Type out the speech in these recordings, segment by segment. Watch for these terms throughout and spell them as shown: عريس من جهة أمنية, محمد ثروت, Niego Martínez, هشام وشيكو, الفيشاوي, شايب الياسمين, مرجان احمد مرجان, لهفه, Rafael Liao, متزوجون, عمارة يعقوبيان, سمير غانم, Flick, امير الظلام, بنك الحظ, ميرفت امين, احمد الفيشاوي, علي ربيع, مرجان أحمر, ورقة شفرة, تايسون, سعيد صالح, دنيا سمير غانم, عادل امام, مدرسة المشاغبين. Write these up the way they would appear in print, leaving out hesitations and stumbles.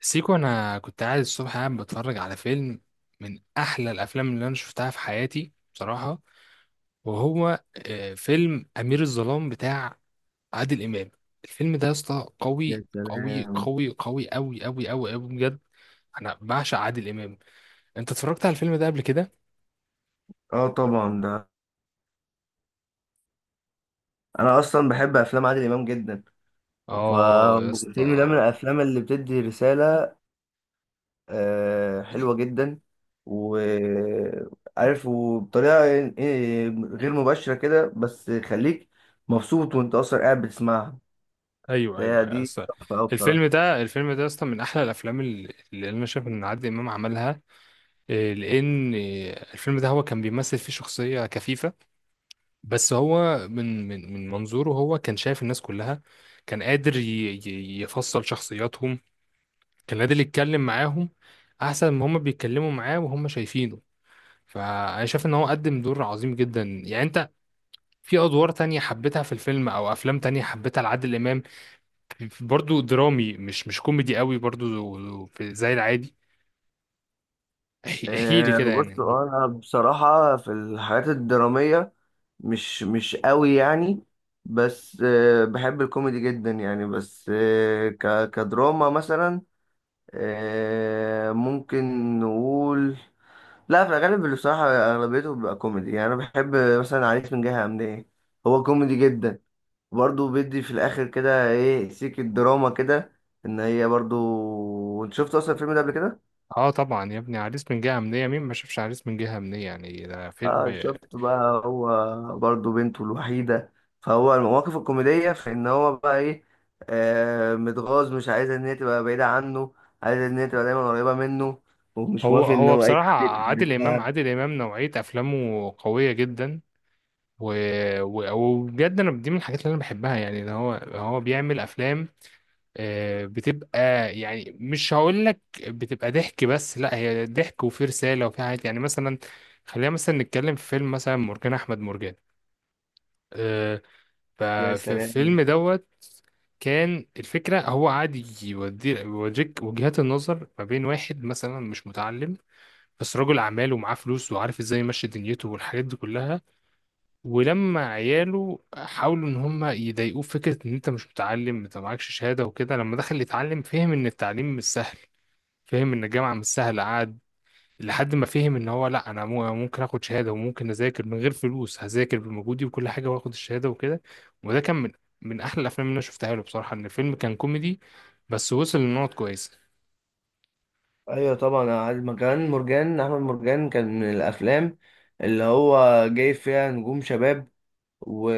سيكو، انا كنت قاعد الصبح قاعد بتفرج على فيلم من احلى الافلام اللي انا شفتها في حياتي بصراحه. وهو فيلم امير الظلام بتاع عادل امام. الفيلم ده يا اسطى قوي يا قوي سلام. قوي قوي قوي قوي قوي قوي بجد. انا بعشق عادل امام. انت اتفرجت على الفيلم ده قبل كده؟ اه طبعا، ده انا اصلا بحب افلام عادل امام جدا. اه يا فالفيلم ده اسطى. من الافلام اللي بتدي رساله حلوه جدا. وعارف وبطريقه غير مباشره كده بس خليك مبسوط وانت اصلا قاعد بتسمعها. ايوه ايوه فهي يا دي اسطى. تحفه أوي بصراحه. الفيلم ده يا اسطى من احلى الافلام اللي انا شايف ان عادل امام عملها. لان الفيلم ده هو كان بيمثل فيه شخصيه كفيفه، بس هو من منظوره هو كان شايف الناس كلها، كان قادر يفصل شخصياتهم، كان قادر يتكلم معاهم احسن ما هم بيتكلموا معاه وهم شايفينه. فانا شايف ان هو قدم دور عظيم جدا. يعني انت في ادوار تانية حبيتها في الفيلم او افلام تانية حبيتها لعادل امام برضو درامي مش كوميدي قوي برضو زي العادي، احكي لي كده بص يعني. انا بصراحة في الحاجات الدرامية مش قوي يعني. بس بحب الكوميدي جدا يعني. بس كدراما مثلا ممكن نقول. لا، في الغالب اللي بصراحة أغلبيته بيبقى كوميدي يعني، أنا بحب مثلا عريس من جهة أمنية. هو كوميدي جدا. برضه بيدي في الآخر كده إيه سيكة دراما كده، إن هي برضه. أنت شفت أصلا الفيلم ده قبل كده؟ اه طبعا يا ابني، عريس من جهة أمنية، مين ما شافش عريس من جهة أمنية، يعني ده فيلم. اه شفت بقى. هو برضه بنته الوحيدة. فهو المواقف الكوميدية في ان هو بقى ايه متغاظ مش عايز ان هي تبقى بعيدة عنه. عايز ان هي تبقى دايما قريبة منه ومش هو موافق ان هو هو اي بصراحة، حد عادل إمام يتقرب. عادل إمام نوعية أفلامه قوية جدا. و... وبجد أنا دي من الحاجات اللي أنا بحبها، يعني إن هو بيعمل أفلام بتبقى، يعني مش هقول لك بتبقى ضحك بس، لا هي ضحك وفي رسالة وفي حاجات. يعني مثلا خلينا مثلا نتكلم في فيلم مثلا مرجان أحمد مرجان. آه، يا ففي الفيلم سلام. دوت كان الفكرة هو قاعد يوريك وجهات النظر ما بين واحد مثلا مش متعلم بس رجل اعمال ومعاه فلوس وعارف ازاي يمشي دنيته والحاجات دي كلها. ولما عياله حاولوا ان هم يضايقوه فكره ان انت مش متعلم انت معكش شهاده وكده، لما دخل يتعلم فهم ان التعليم مش سهل، فهم ان الجامعه مش سهله. قعد لحد ما فهم ان هو لا، انا ممكن اخد شهاده وممكن اذاكر من غير فلوس، هذاكر بمجهودي وكل حاجه واخد الشهاده وكده. وده كان من من احلى الافلام اللي انا شفتها له بصراحه، ان الفيلم كان كوميدي بس وصل لنقط كويسه. ايوه طبعا، أنا عارف مكان مرجان احمد مرجان كان من الافلام اللي هو جايب فيها نجوم شباب. و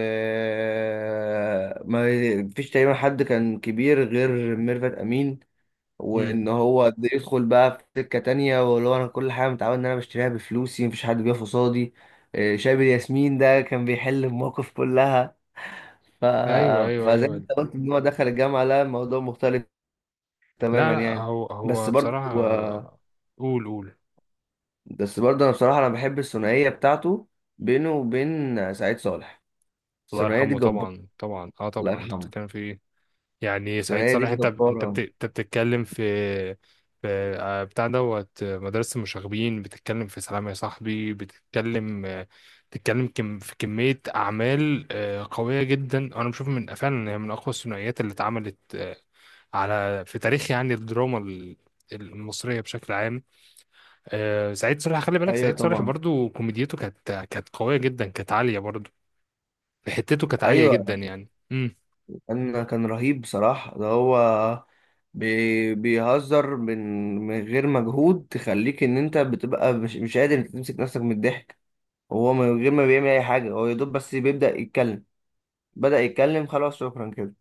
ما فيش تقريبا حد كان كبير غير ميرفت امين. امم. وان هو ده يدخل بقى في سكه تانية واللي هو انا كل حاجه متعود ان انا بشتريها بفلوسي مفيش حد بيقف قصادي. شايب الياسمين ده كان بيحل المواقف كلها. ف... ايوه ايوه فزي ما ايوه. انت قلت ان هو دخل الجامعه لا الموضوع مختلف لا تماما لا، يعني. هو بس هو برضه بصراحة، هو- قول قول. بس برضه انا بصراحه بحب الثنائيه بتاعته بينه وبين سعيد صالح. الله الثنائيه دي يرحمه جباره. طبعا طبعا. اه الله طبعا، انت يرحمه. بتتكلم في ايه؟ يعني سعيد الثنائيه دي صالح، انت انت جباره. انت بتتكلم في في بتاع دوت مدرسة المشاغبين، بتتكلم في سلام يا صاحبي، بتتكلم بتتكلم في كمية أعمال قوية جدا. أنا بشوف من فعلا إن هي من أقوى الثنائيات اللي اتعملت على في تاريخ يعني الدراما المصرية بشكل عام. سعيد صالح، خلي بالك، ايوه سعيد صالح طبعا. برضو كوميديته كانت قوية جدا، كانت عالية برضو، حتته كانت عالية ايوه. جدا يعني. امم. كان رهيب بصراحة. ده هو بيهزر من غير مجهود تخليك ان انت بتبقى مش قادر تمسك نفسك من الضحك. هو من غير ما بيعمل اي حاجة هو يا دوب بس بيبدأ يتكلم. بدأ يتكلم خلاص شكرا كده.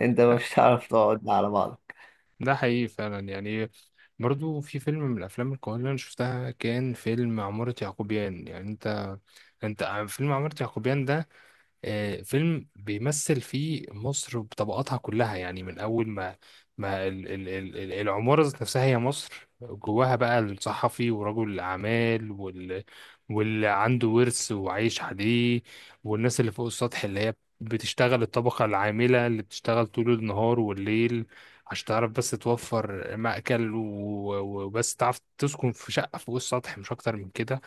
انت لا مش هتعرف تقعد على بعضك. ده حقيقي فعلا يعني. برضو في فيلم من الأفلام القوية اللي أنا شفتها كان فيلم عمارة يعقوبيان. يعني أنت، أنت فيلم عمارة يعقوبيان ده فيلم بيمثل فيه مصر بطبقاتها كلها. يعني من أول ما ما العمارة ذات نفسها هي مصر، جواها بقى الصحفي ورجل الأعمال واللي عنده ورث وعايش عليه، والناس اللي فوق السطح اللي هي بتشتغل، الطبقة العاملة اللي بتشتغل طول النهار والليل عشان تعرف بس توفر مأكل وبس تعرف تسكن في شقة فوق السطح مش أكتر من كده.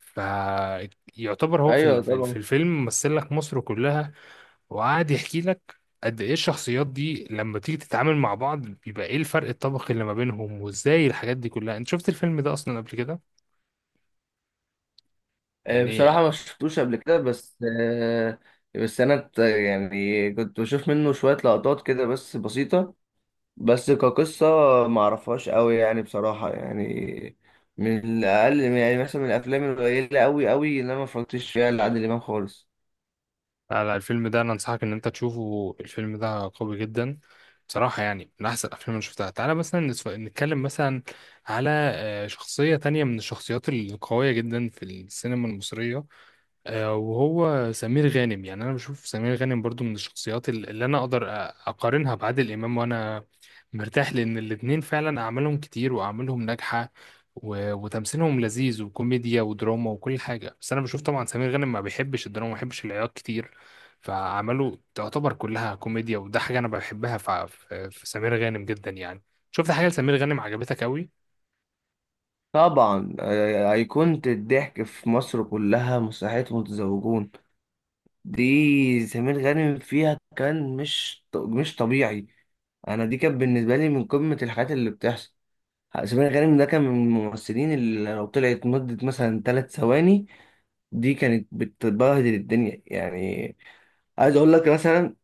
فيعتبر هو في ايوه طبعا. الفيلم مثل لك مصر كلها. وقعد يحكي لك قد ايه الشخصيات دي لما تيجي تتعامل مع بعض بيبقى ايه الفرق الطبقي اللي ما بينهم وازاي الحاجات دي كلها. انت شفت الفيلم ده اصلا قبل كده؟ يعني بصراحة ما شفتوش قبل كده بس. بس انا يعني كنت بشوف منه شوية لقطات كده بس بسيطة. بس كقصة ما اعرفهاش قوي يعني بصراحة يعني. من الاقل يعني مثلا من الافلام القليلة قوي قوي اللي انا ما اتفرجتش فيها لعادل امام خالص. لا لا، الفيلم ده انا انصحك ان انت تشوفه، الفيلم ده قوي جدا بصراحة، يعني من احسن الافلام اللي شفتها. تعالى مثلا نتكلم مثلا على شخصية تانية من الشخصيات القوية جدا في السينما المصرية، وهو سمير غانم. يعني انا بشوف سمير غانم برضو من الشخصيات اللي انا اقدر اقارنها بعادل امام، وانا مرتاح لان الاتنين فعلا اعمالهم كتير واعمالهم ناجحه وتمثيلهم لذيذ وكوميديا ودراما وكل حاجه. بس انا بشوف طبعا سمير غانم ما بيحبش الدراما ما بيحبش العياط كتير، فاعماله تعتبر كلها كوميديا، وده حاجه انا بحبها في سمير غانم جدا يعني. شفت حاجه لسمير غانم عجبتك قوي؟ طبعا، ايقونة الضحك في مصر كلها مسرحية متزوجون. دي سمير غانم فيها كان مش طبيعي. انا دي كانت بالنسبة لي من قمة الحاجات اللي بتحصل. سمير غانم ده كان من الممثلين اللي لو طلعت مدة مثلا ثلاث ثواني دي كانت بتبهدل الدنيا يعني. عايز اقول لك مثلا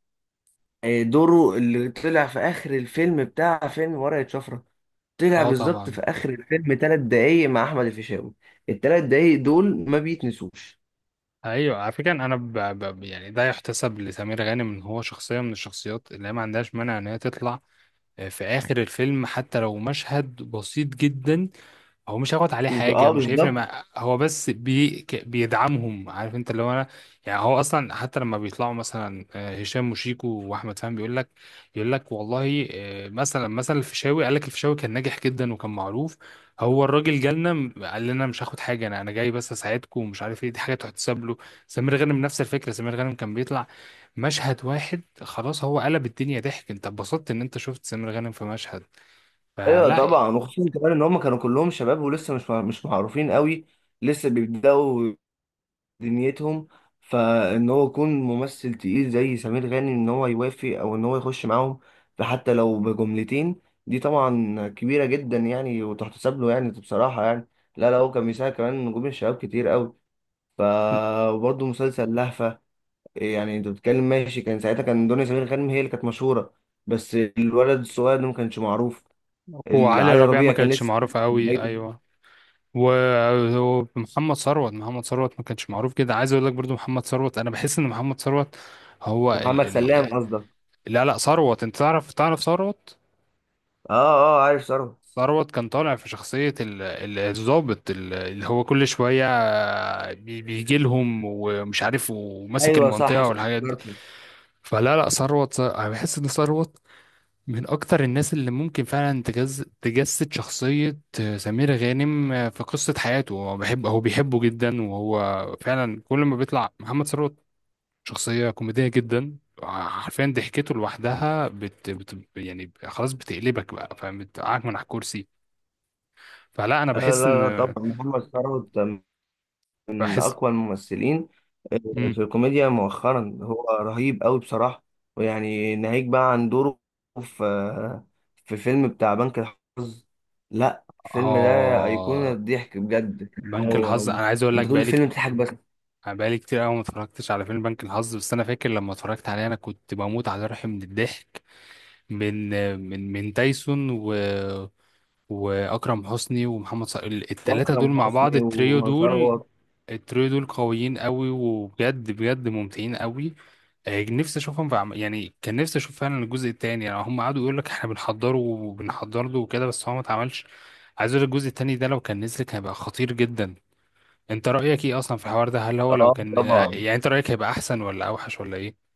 دوره اللي طلع في اخر الفيلم بتاع فيلم ورقة شفرة. طلع اه بالظبط طبعا. في اخر الفيلم ثلاث دقايق مع احمد الفيشاوي. الثلاث دقايق دول ما بيتنسوش. ايوه على فكره انا يعني ده يحتسب لسمير غانم ان هو شخصيه من الشخصيات اللي هي ما عندهاش مانع ان هي تطلع في آخر الفيلم حتى لو مشهد بسيط جدا. هو مش هياخد عليه حاجة، اه مش هيفرق بالظبط. مع هو بس بيدعمهم. عارف انت اللي هو انا يعني، هو اصلا حتى لما بيطلعوا مثلا هشام وشيكو واحمد فهمي بيقول لك، يقول لك والله مثلا الفيشاوي قال لك الفيشاوي كان ناجح جدا وكان معروف. هو الراجل جالنا قال لنا مش هاخد حاجة، انا انا جاي بس اساعدكم ومش عارف ايه، دي حاجة تحتسب له. سمير غانم نفس الفكرة، سمير غانم كان بيطلع مشهد واحد خلاص، هو قلب الدنيا ضحك، انت اتبسطت ان انت شفت سمير غانم في مشهد. ايوه فلا. طبعا وخصوصا كمان ان هم كانوا كلهم شباب ولسه مش معروفين قوي. لسه بيبداوا دنيتهم. فان هو يكون ممثل تقيل زي سمير غانم ان هو يوافق او ان هو يخش معاهم فحتى لو بجملتين دي طبعا كبيره جدا يعني وتحتسب له يعني بصراحه يعني. لا لا، هو كان بيساعد كمان نجوم الشباب كتير قوي. ف وبرضه مسلسل لهفه. يعني انت بتتكلم ماشي، كان ساعتها كان دنيا سمير غانم هي اللي كانت مشهوره. بس الولد الصغير ده ما كانش معروف. وعلي علي ربيع ما ربيع كان كانتش لسه في معروفة قوي، بدايته. ايوه. و- ومحمد ثروت، محمد ثروت ما كانش معروف كده. عايز اقول لك برضو محمد ثروت، انا بحس ان محمد ثروت هو ال محمد سلام ال قصدك. لا لا، ثروت، انت تعرف تعرف ثروت. اه. اه، عارف ثروت. ثروت كان طالع في شخصية الضابط اللي هو كل شوية بيجي لهم ومش عارف وماسك ايوه صح المنطقة صح والحاجات دي. افتكرته. فلا لا ثروت، انا بحس ان ثروت من اكتر الناس اللي ممكن فعلا تجسد شخصية سمير غانم. في قصة حياته هو بيحب، هو بيحبه جدا، وهو فعلا كل ما بيطلع محمد ثروت شخصية كوميدية جدا، حرفيا ضحكته لوحدها يعني خلاص بتقلبك بقى، فاهم، بتقعك من على الكرسي. فلا انا آه، بحس ان لا لا، طبعا محمد ثروت من بحس أقوى الممثلين آه، مم. في الكوميديا مؤخرا. هو رهيب قوي بصراحة. ويعني ناهيك بقى عن دوره في آه، في فيلم بتاع بنك الحظ. لا الفيلم ده أيقونة اه. الضحك بجد. بنك هو الحظ انا عايز اقول لك أنت طول بقالي، الفيلم بتضحك بس. انا بقالي كتير قوي ما اتفرجتش على فيلم بنك الحظ. بس انا فاكر لما اتفرجت عليه انا كنت بموت على روحي من الضحك، من من تايسون واكرم حسني ومحمد صلاح. الثلاثه دول وأكرم مع بعض، حسني التريو دول، وثروت. التريو دول قويين قوي وبجد بجد ممتعين قوي. نفسي اشوفهم يعني كان نفسي اشوف فعلا الجزء الثاني. يعني هم قعدوا يقول لك احنا بنحضره وبنحضر له وكده بس هو ما اتعملش. عايز اقول لك الجزء الثاني ده لو كان نزل كان هيبقى خطير جدا. انت رأيك ايه اصلا في الحوار ده؟ هل هو لو اه كان طبعا. يعني، انت رأيك هيبقى احسن ولا اوحش ولا ايه؟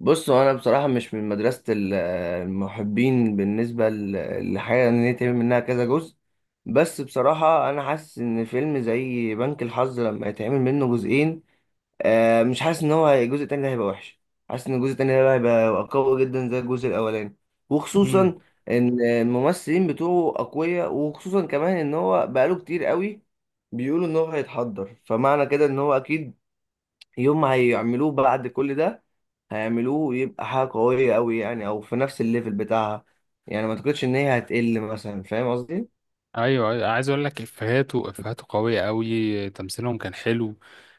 بص هو انا بصراحه مش من مدرسه المحبين بالنسبه لحاجه ان هي تعمل منها كذا جزء. بس بصراحه انا حاسس ان فيلم زي بنك الحظ لما يتعمل منه جزئين مش حاسس ان هو الجزء التاني ده هيبقى وحش. حاسس ان الجزء التاني ده هيبقى قوي جدا زي الجزء الاولاني. امم. وخصوصا ان الممثلين بتوعه اقوياء وخصوصا كمان ان هو بقاله كتير قوي بيقولوا ان هو هيتحضر، فمعنى كده ان هو اكيد يوم ما هيعملوه بعد كل ده هيعملوه يبقى حاجة قوية أوي يعني، أو في نفس الليفل بتاعها. يعني ما أعتقدش إن هي هتقل مثلا. فاهم قصدي؟ ايوه أيوة، عايز اقول لك افهاته، افهاته قوية قوي، تمثيلهم كان حلو.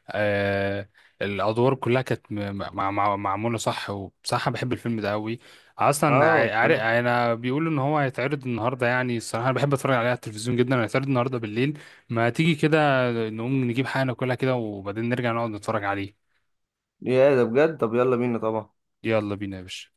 آه الادوار كلها كانت م- مع مع معمولة صح، وبصراحة بحب الفيلم ده قوي اصلا. اه عارف بصراحة. انا بيقولوا ان هو هيتعرض النهارده يعني، الصراحة انا بحب اتفرج عليه على التلفزيون جدا. هيتعرض النهارده بالليل، ما تيجي كده نقوم نجيب حاجة ناكلها كده وبعدين نرجع نقعد نتفرج عليه. يا ده بجد. طب يلا بينا طبعا. يلا بينا يا باشا.